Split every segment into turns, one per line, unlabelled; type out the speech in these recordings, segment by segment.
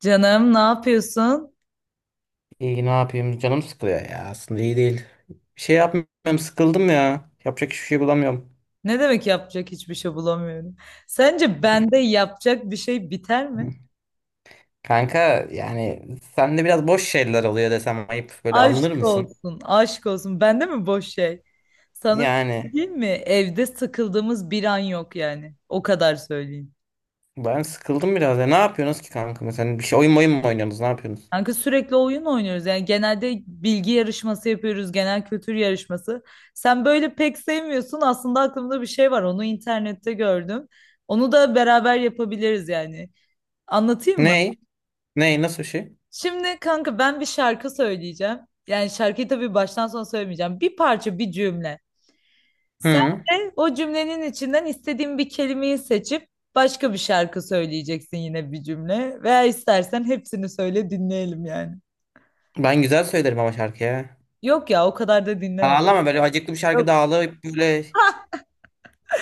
Canım ne yapıyorsun?
İyi ne yapayım canım sıkılıyor ya aslında iyi değil. Bir şey yapmıyorum sıkıldım ya. Yapacak hiçbir şey bulamıyorum.
Ne demek yapacak hiçbir şey bulamıyorum. Sence bende yapacak bir şey biter mi?
Kanka yani sende biraz boş şeyler oluyor desem ayıp böyle
Aşk
alınır mısın?
olsun, aşk olsun. Bende mi boş şey? Sana bir şey
Yani
diyeyim mi? Evde sıkıldığımız bir an yok yani. O kadar söyleyeyim.
ben sıkıldım biraz ya. Ne yapıyorsunuz ki kanka mesela bir şey oyun mu oynuyorsunuz ne yapıyorsunuz?
Kanka sürekli oyun oynuyoruz. Yani genelde bilgi yarışması yapıyoruz, genel kültür yarışması. Sen böyle pek sevmiyorsun. Aslında aklımda bir şey var. Onu internette gördüm. Onu da beraber yapabiliriz yani. Anlatayım mı?
Ney? Ney nasıl bir şey?
Şimdi kanka ben bir şarkı söyleyeceğim. Yani şarkıyı tabii baştan sona söylemeyeceğim. Bir parça, bir cümle. Sen
Hı.
de o cümlenin içinden istediğin bir kelimeyi seçip başka bir şarkı söyleyeceksin yine bir cümle. Veya istersen hepsini söyle dinleyelim yani.
Ben güzel söylerim ama şarkıya.
Yok ya o kadar da dinleme.
Ağlama böyle acıklı bir şarkı da
Yok.
ağlayıp böyle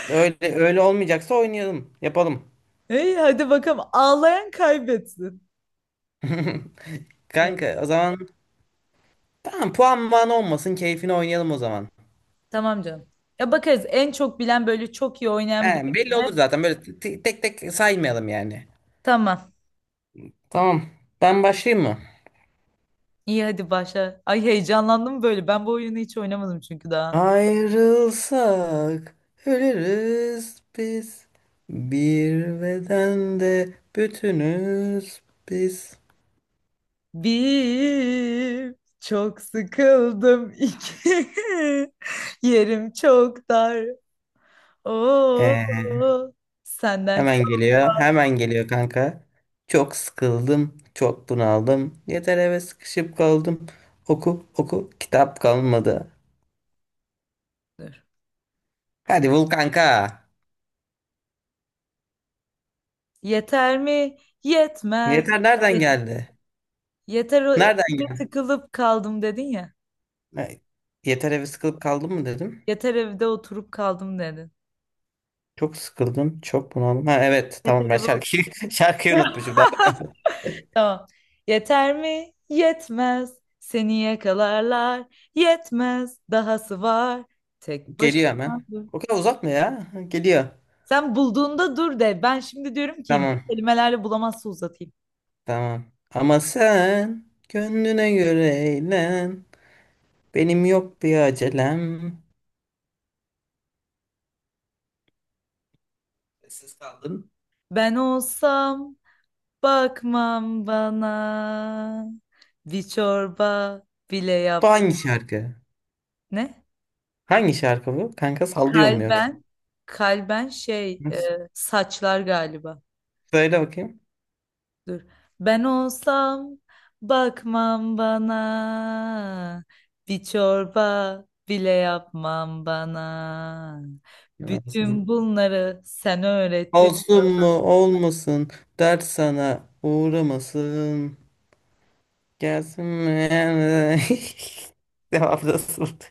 öyle öyle olmayacaksa oynayalım yapalım.
Hey, hadi bakalım ağlayan kaybetsin. Ya,
Kanka o zaman tamam puan man olmasın keyfini oynayalım o zaman.
tamam canım. Ya bakarız en çok bilen böyle çok iyi oynayan bir
Yani belli
cümle.
olur zaten böyle tek tek saymayalım yani.
Tamam.
Tamam ben başlayayım mı?
İyi hadi başla. Ay heyecanlandım böyle. Ben bu oyunu hiç oynamadım çünkü daha.
Ayrılsak ölürüz biz. Bir bedende bütünüz biz.
Bir, çok sıkıldım. İki, yerim çok dar. Oo,
Ee,
senden
hemen geliyor hemen geliyor kanka. Çok sıkıldım çok bunaldım. Yeter eve sıkışıp kaldım. Oku oku kitap kalmadı.
çoktur.
Hadi bul kanka.
Yeter mi? Yetmez.
Yeter nereden geldi?
Yeter o
Nereden
eve tıkılıp kaldım dedin ya.
girdin? Yeter eve sıkılıp kaldım mı dedim.
Yeter evde oturup kaldım dedin.
Çok sıkıldım. Çok bunaldım. Ha evet
Yeter
tamam ben
evde oturup.
şarkıyı, şarkıyı unutmuşum. Daha
Tamam. Yeter mi? Yetmez. Seni yakalarlar. Yetmez. Dahası var. Tek
geliyor
başıma.
hemen. O kadar uzatma ya. Geliyor.
Sen bulduğunda dur de. Ben şimdi diyorum ki
Tamam.
kelimelerle bulamazsa uzatayım.
Tamam. Ama sen gönlüne göre eğlen. Benim yok bir acelem. Sessiz kaldım.
Ben olsam bakmam bana. Bir çorba bile
Bu
yap.
hangi şarkı?
Ne?
Hangi şarkı bu? Kanka sallıyor mu yoksa?
Kalben. Kalben şey
Nasıl?
saçlar galiba.
Söyle bakayım.
Dur. Ben olsam bakmam bana. Bir çorba bile yapmam bana. Bütün
Olsun.
bunları sen öğrettin.
Olsun mu olmasın dert sana uğramasın. Gelsin mi? Cevap nasıldı?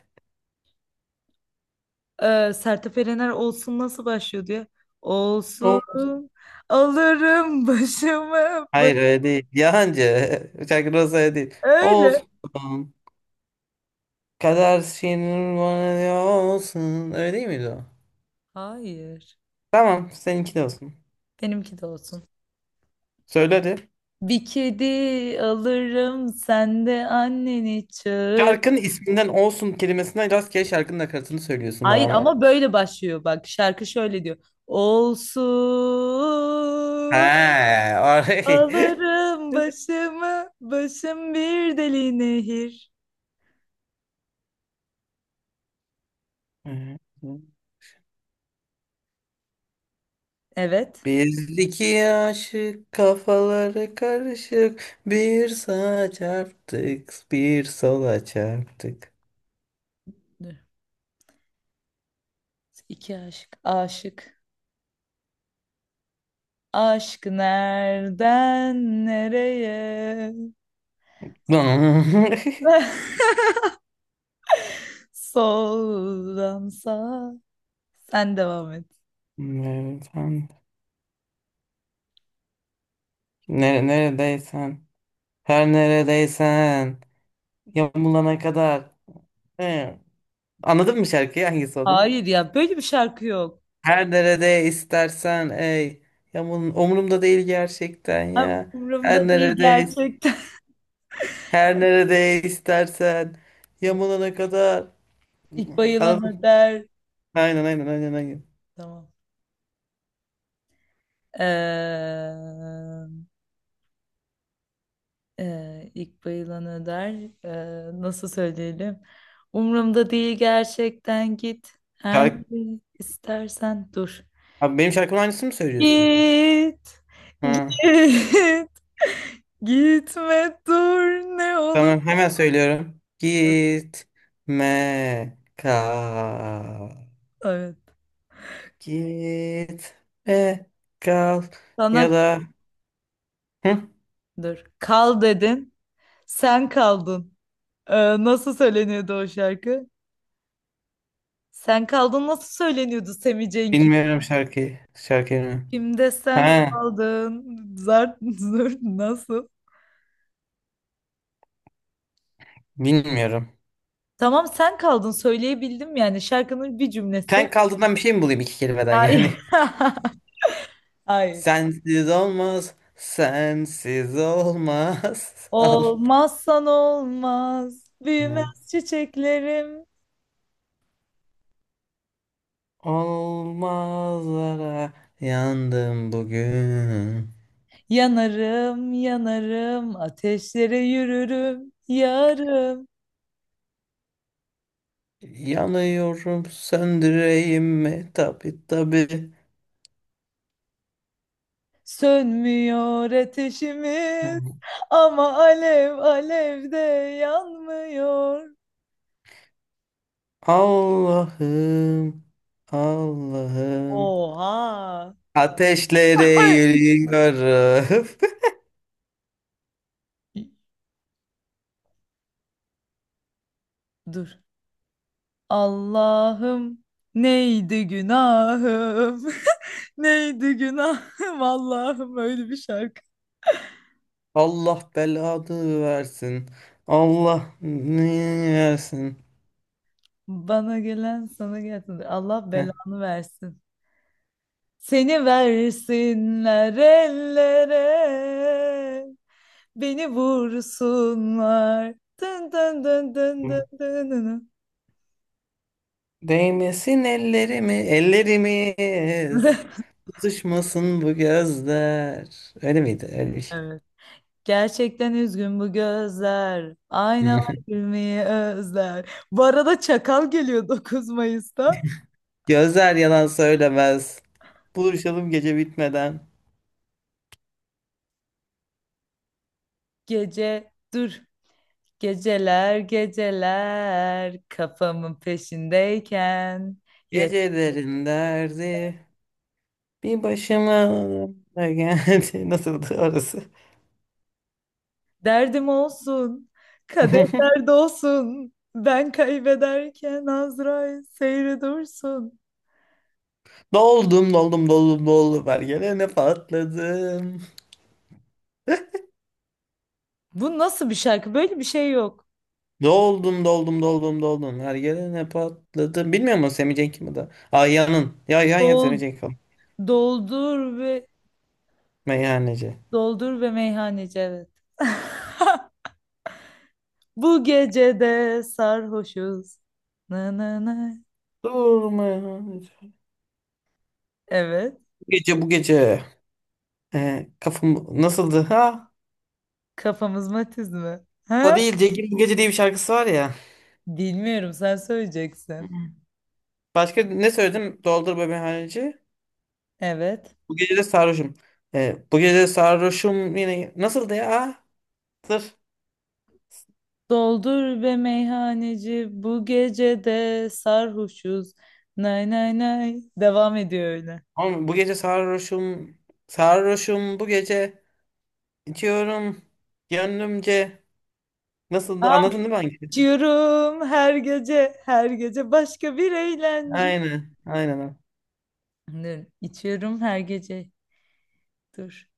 Sertab Erener olsun nasıl başlıyor diye. Olsun
O
alırım başımı ba-
hayır öyle değil. Yalancı. Şarkı nasıl öyle değil.
öyle.
Olsun. Kader şiirin bana diyor olsun. Öyle değil miydi o?
Hayır.
Tamam seninki de olsun.
Benimki de olsun.
Söyle hadi.
Bir kedi alırım sen de anneni çağır.
Şarkının isminden olsun kelimesinden rastgele şarkının nakaratını söylüyorsun bana
Hayır
ama.
ama böyle başlıyor bak şarkı şöyle diyor.
He,
Olsun
orayı.
alırım başımı başım bir deli nehir. Evet.
Bizdeki aşık kafaları karışık bir sağa çarptık bir sola çarptık.
Dur. İki aşık. Aşık. Aşk nereden nereye? Soldan sağa. Sen devam et.
Nereden- Nere neredeysen her neredeysen yamulana kadar. He. Anladın mı şarkıyı hangisi olduğunu?
Hayır ya böyle bir şarkı yok.
Her nerede istersen ey yamulun umurumda değil gerçekten
Ha,
ya. Her
umurumda değil
nerede
gerçekten.
her nerede istersen yamulana kadar.
İlk bayılan
Anladın
öder.
aynen aynen aynen aynen.
Tamam. Ee, ilk bayılan öder. Nasıl söyleyelim? Umurumda değil gerçekten git. Her
Şarkı...
ne istersen dur.
Abi benim şarkımın aynısını mı söylüyorsun?
Git,
Ha,
git, gitme dur ne olur.
tamam hemen söylüyorum. Gitme kal.
Evet.
Gitme kal. Ya
Sana
da Hı?
dur. Kal dedin. Sen kaldın. Nasıl söyleniyordu o şarkı? Sen kaldın nasıl söyleniyordu Semih Cenk'in?
Bilmiyorum şarkıyı. Şarkıyı mı?
Kimde sen
Ha,
kaldın? Zart zurt nasıl?
bilmiyorum.
Tamam sen kaldın söyleyebildim yani şarkının bir cümlesi.
Sen kaldığından bir şey mi bulayım iki kelimeden
Hayır.
yani?
Hayır.
Sensiz olmaz. Sensiz olmaz. Al.
Olmazsan olmaz,
Ha.
büyümez çiçeklerim.
Olmazlara yandım bugün.
Yanarım, yanarım, ateşlere yürürüm, yarım.
Yanıyorum söndüreyim mi? Tabi tabi.
Sönmüyor ateşimiz ama alev alev de yanmıyor.
Allah'ım, Allah'ım.
Oha!
Ateşlere
Ay,
yürüyorum.
dur. Allah'ım neydi günahım? Neydi günahım Allah'ım öyle bir şarkı.
Allah belanı versin. Allah ne versin.
Bana gelen sana gelsin. Allah
Heh.
belanı versin. Seni versinler ellere. Beni vursunlar. Dın dın dın dın dın dın dın.
Değmesin ellerimi, ellerimiz. Tutuşmasın bu gözler. Öyle miydi? Öyle bir şey.
Evet. Gerçekten üzgün bu gözler. Aynalar gülmeyi özler. Bu arada Çakal geliyor 9 Mayıs'ta.
Gözler yalan söylemez. Buluşalım gece bitmeden.
Gece dur. Geceler geceler kafamın peşindeyken.
Gecelerin derdi. Bir başıma da geldi. Nasıldı orası?
Derdim olsun, kadehler dolsun. Ben kaybederken Azrail seyre dursun.
Doldum doldum doldum doldum her gelene patladım.
Bu nasıl bir şarkı? Böyle bir şey yok.
Doldum doldum doldum doldum her gelene patladım. Bilmiyor musun Semih Cenk'i mi da? Ayyan'ın. Ya Ayyan ya Semih
Dol,
Cenk
doldur ve
meyhaneci.
doldur ve meyhaneci evet. Bu gecede sarhoşuz. Na na na.
Dur meyhaneci.
Evet.
Bu gece bu gece. Kafam nasıldı ha?
Kafamız matiz mi?
O
Ha?
değil Cegin bu gece diye bir şarkısı var ya.
Bilmiyorum sen
Hı.
söyleyeceksin.
Başka ne söyledim? Doldur be meyhaneci.
Evet.
Bu gece de sarhoşum. Bu gece de sarhoşum yine nasıldı ya? Dur.
Doldur be meyhaneci bu gecede sarhoşuz. Nay nay nay. Devam ediyor öyle.
Oğlum, bu gece sarhoşum. Sarhoşum bu gece. İçiyorum. Gönlümce. Nasıldı?
Ah,
Anladın değil mi hangi?
içiyorum her gece her gece başka bir eğlence.
Aynen. Aynen.
Dur, içiyorum her gece. Dur.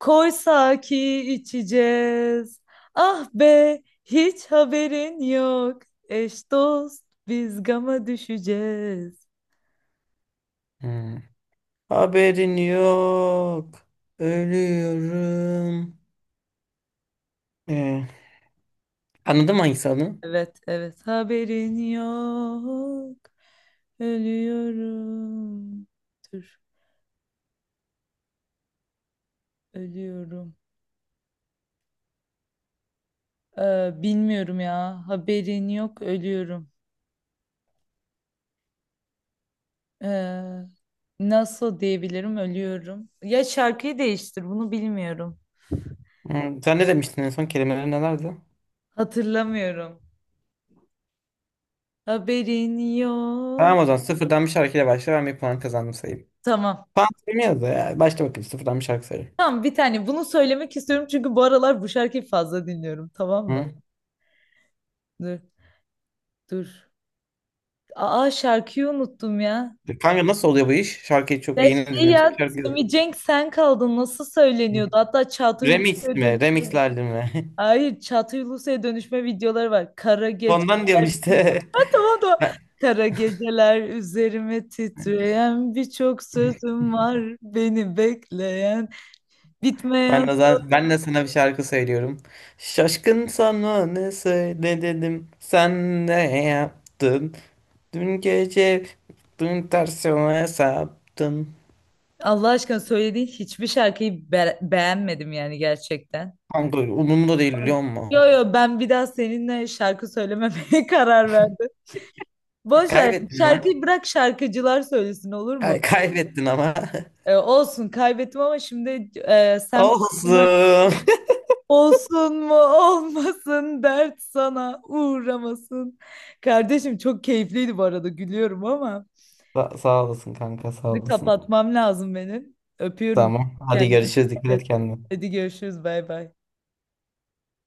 Koysa ki içeceğiz. Ah be hiç haberin yok. Eş dost biz gama düşeceğiz.
Hı. Haberin yok. Ölüyorum. Ee, anladın mı hangisi adını?
Evet, evet. Haberin yok. Ölüyorum. Dur, ölüyorum. Bilmiyorum ya. Haberin yok, ölüyorum. Ee, nasıl diyebilirim, ölüyorum. Ya şarkıyı değiştir, bunu bilmiyorum.
Sen ne demiştin en son kelimeleri nelerdi?
Hatırlamıyorum. Haberin yok.
Tamam o zaman sıfırdan bir şarkıyla başla ben bir puan kazandım sayayım.
Tamam.
Puan sayayım da ya. Başla bakayım sıfırdan bir şarkı sayayım.
Tamam, bir tane. Bunu söylemek istiyorum çünkü bu aralar bu şarkıyı fazla dinliyorum. Tamam mı?
Hı?
Dur, dur. Aa şarkıyı unuttum ya.
Kanka nasıl oluyor bu iş? Şarkıyı çok
Ya
yeni
şey
dinlemiştim.
ya
Şarkı...
Simi Cenk sen kaldın nasıl
Hı.
söyleniyordu? Hatta Çağatay
Remix
Ulusoy'a
mi?
dönüşme.
Remixlerdi mi?
Hayır Çağatay Ulusoy'a dönüşme videoları var. Kara gece.
Ondan diyorum işte.
Ha, tamam da kara geceler üzerime titreyen birçok sözüm var beni bekleyen
Ben ben
bitmeyen.
de, za- ben de sana bir şarkı söylüyorum. Şaşkın sana ne söyle dedim. Sen ne yaptın? Dün gece dün tersime saptın.
Allah aşkına söylediğin hiçbir şarkıyı be- beğenmedim yani gerçekten.
Kanka umurumda değil biliyor musun?
Yo yo ben bir daha seninle şarkı söylememeye karar verdim. Boş ver
Kaybettin ama.
şarkıyı bırak şarkıcılar söylesin olur mu?
Kaybettin ama.
Olsun kaybettim ama şimdi sen aklına-
Olsun.
olsun mu olmasın dert sana uğramasın. Kardeşim çok keyifliydi bu arada gülüyorum ama
Sağ olasın kanka sağ
şimdi
olasın.
kapatmam lazım benim. Öpüyorum
Tamam. Hadi
kendini.
görüşürüz. Dikkat et kendine.
Hadi görüşürüz bay bay.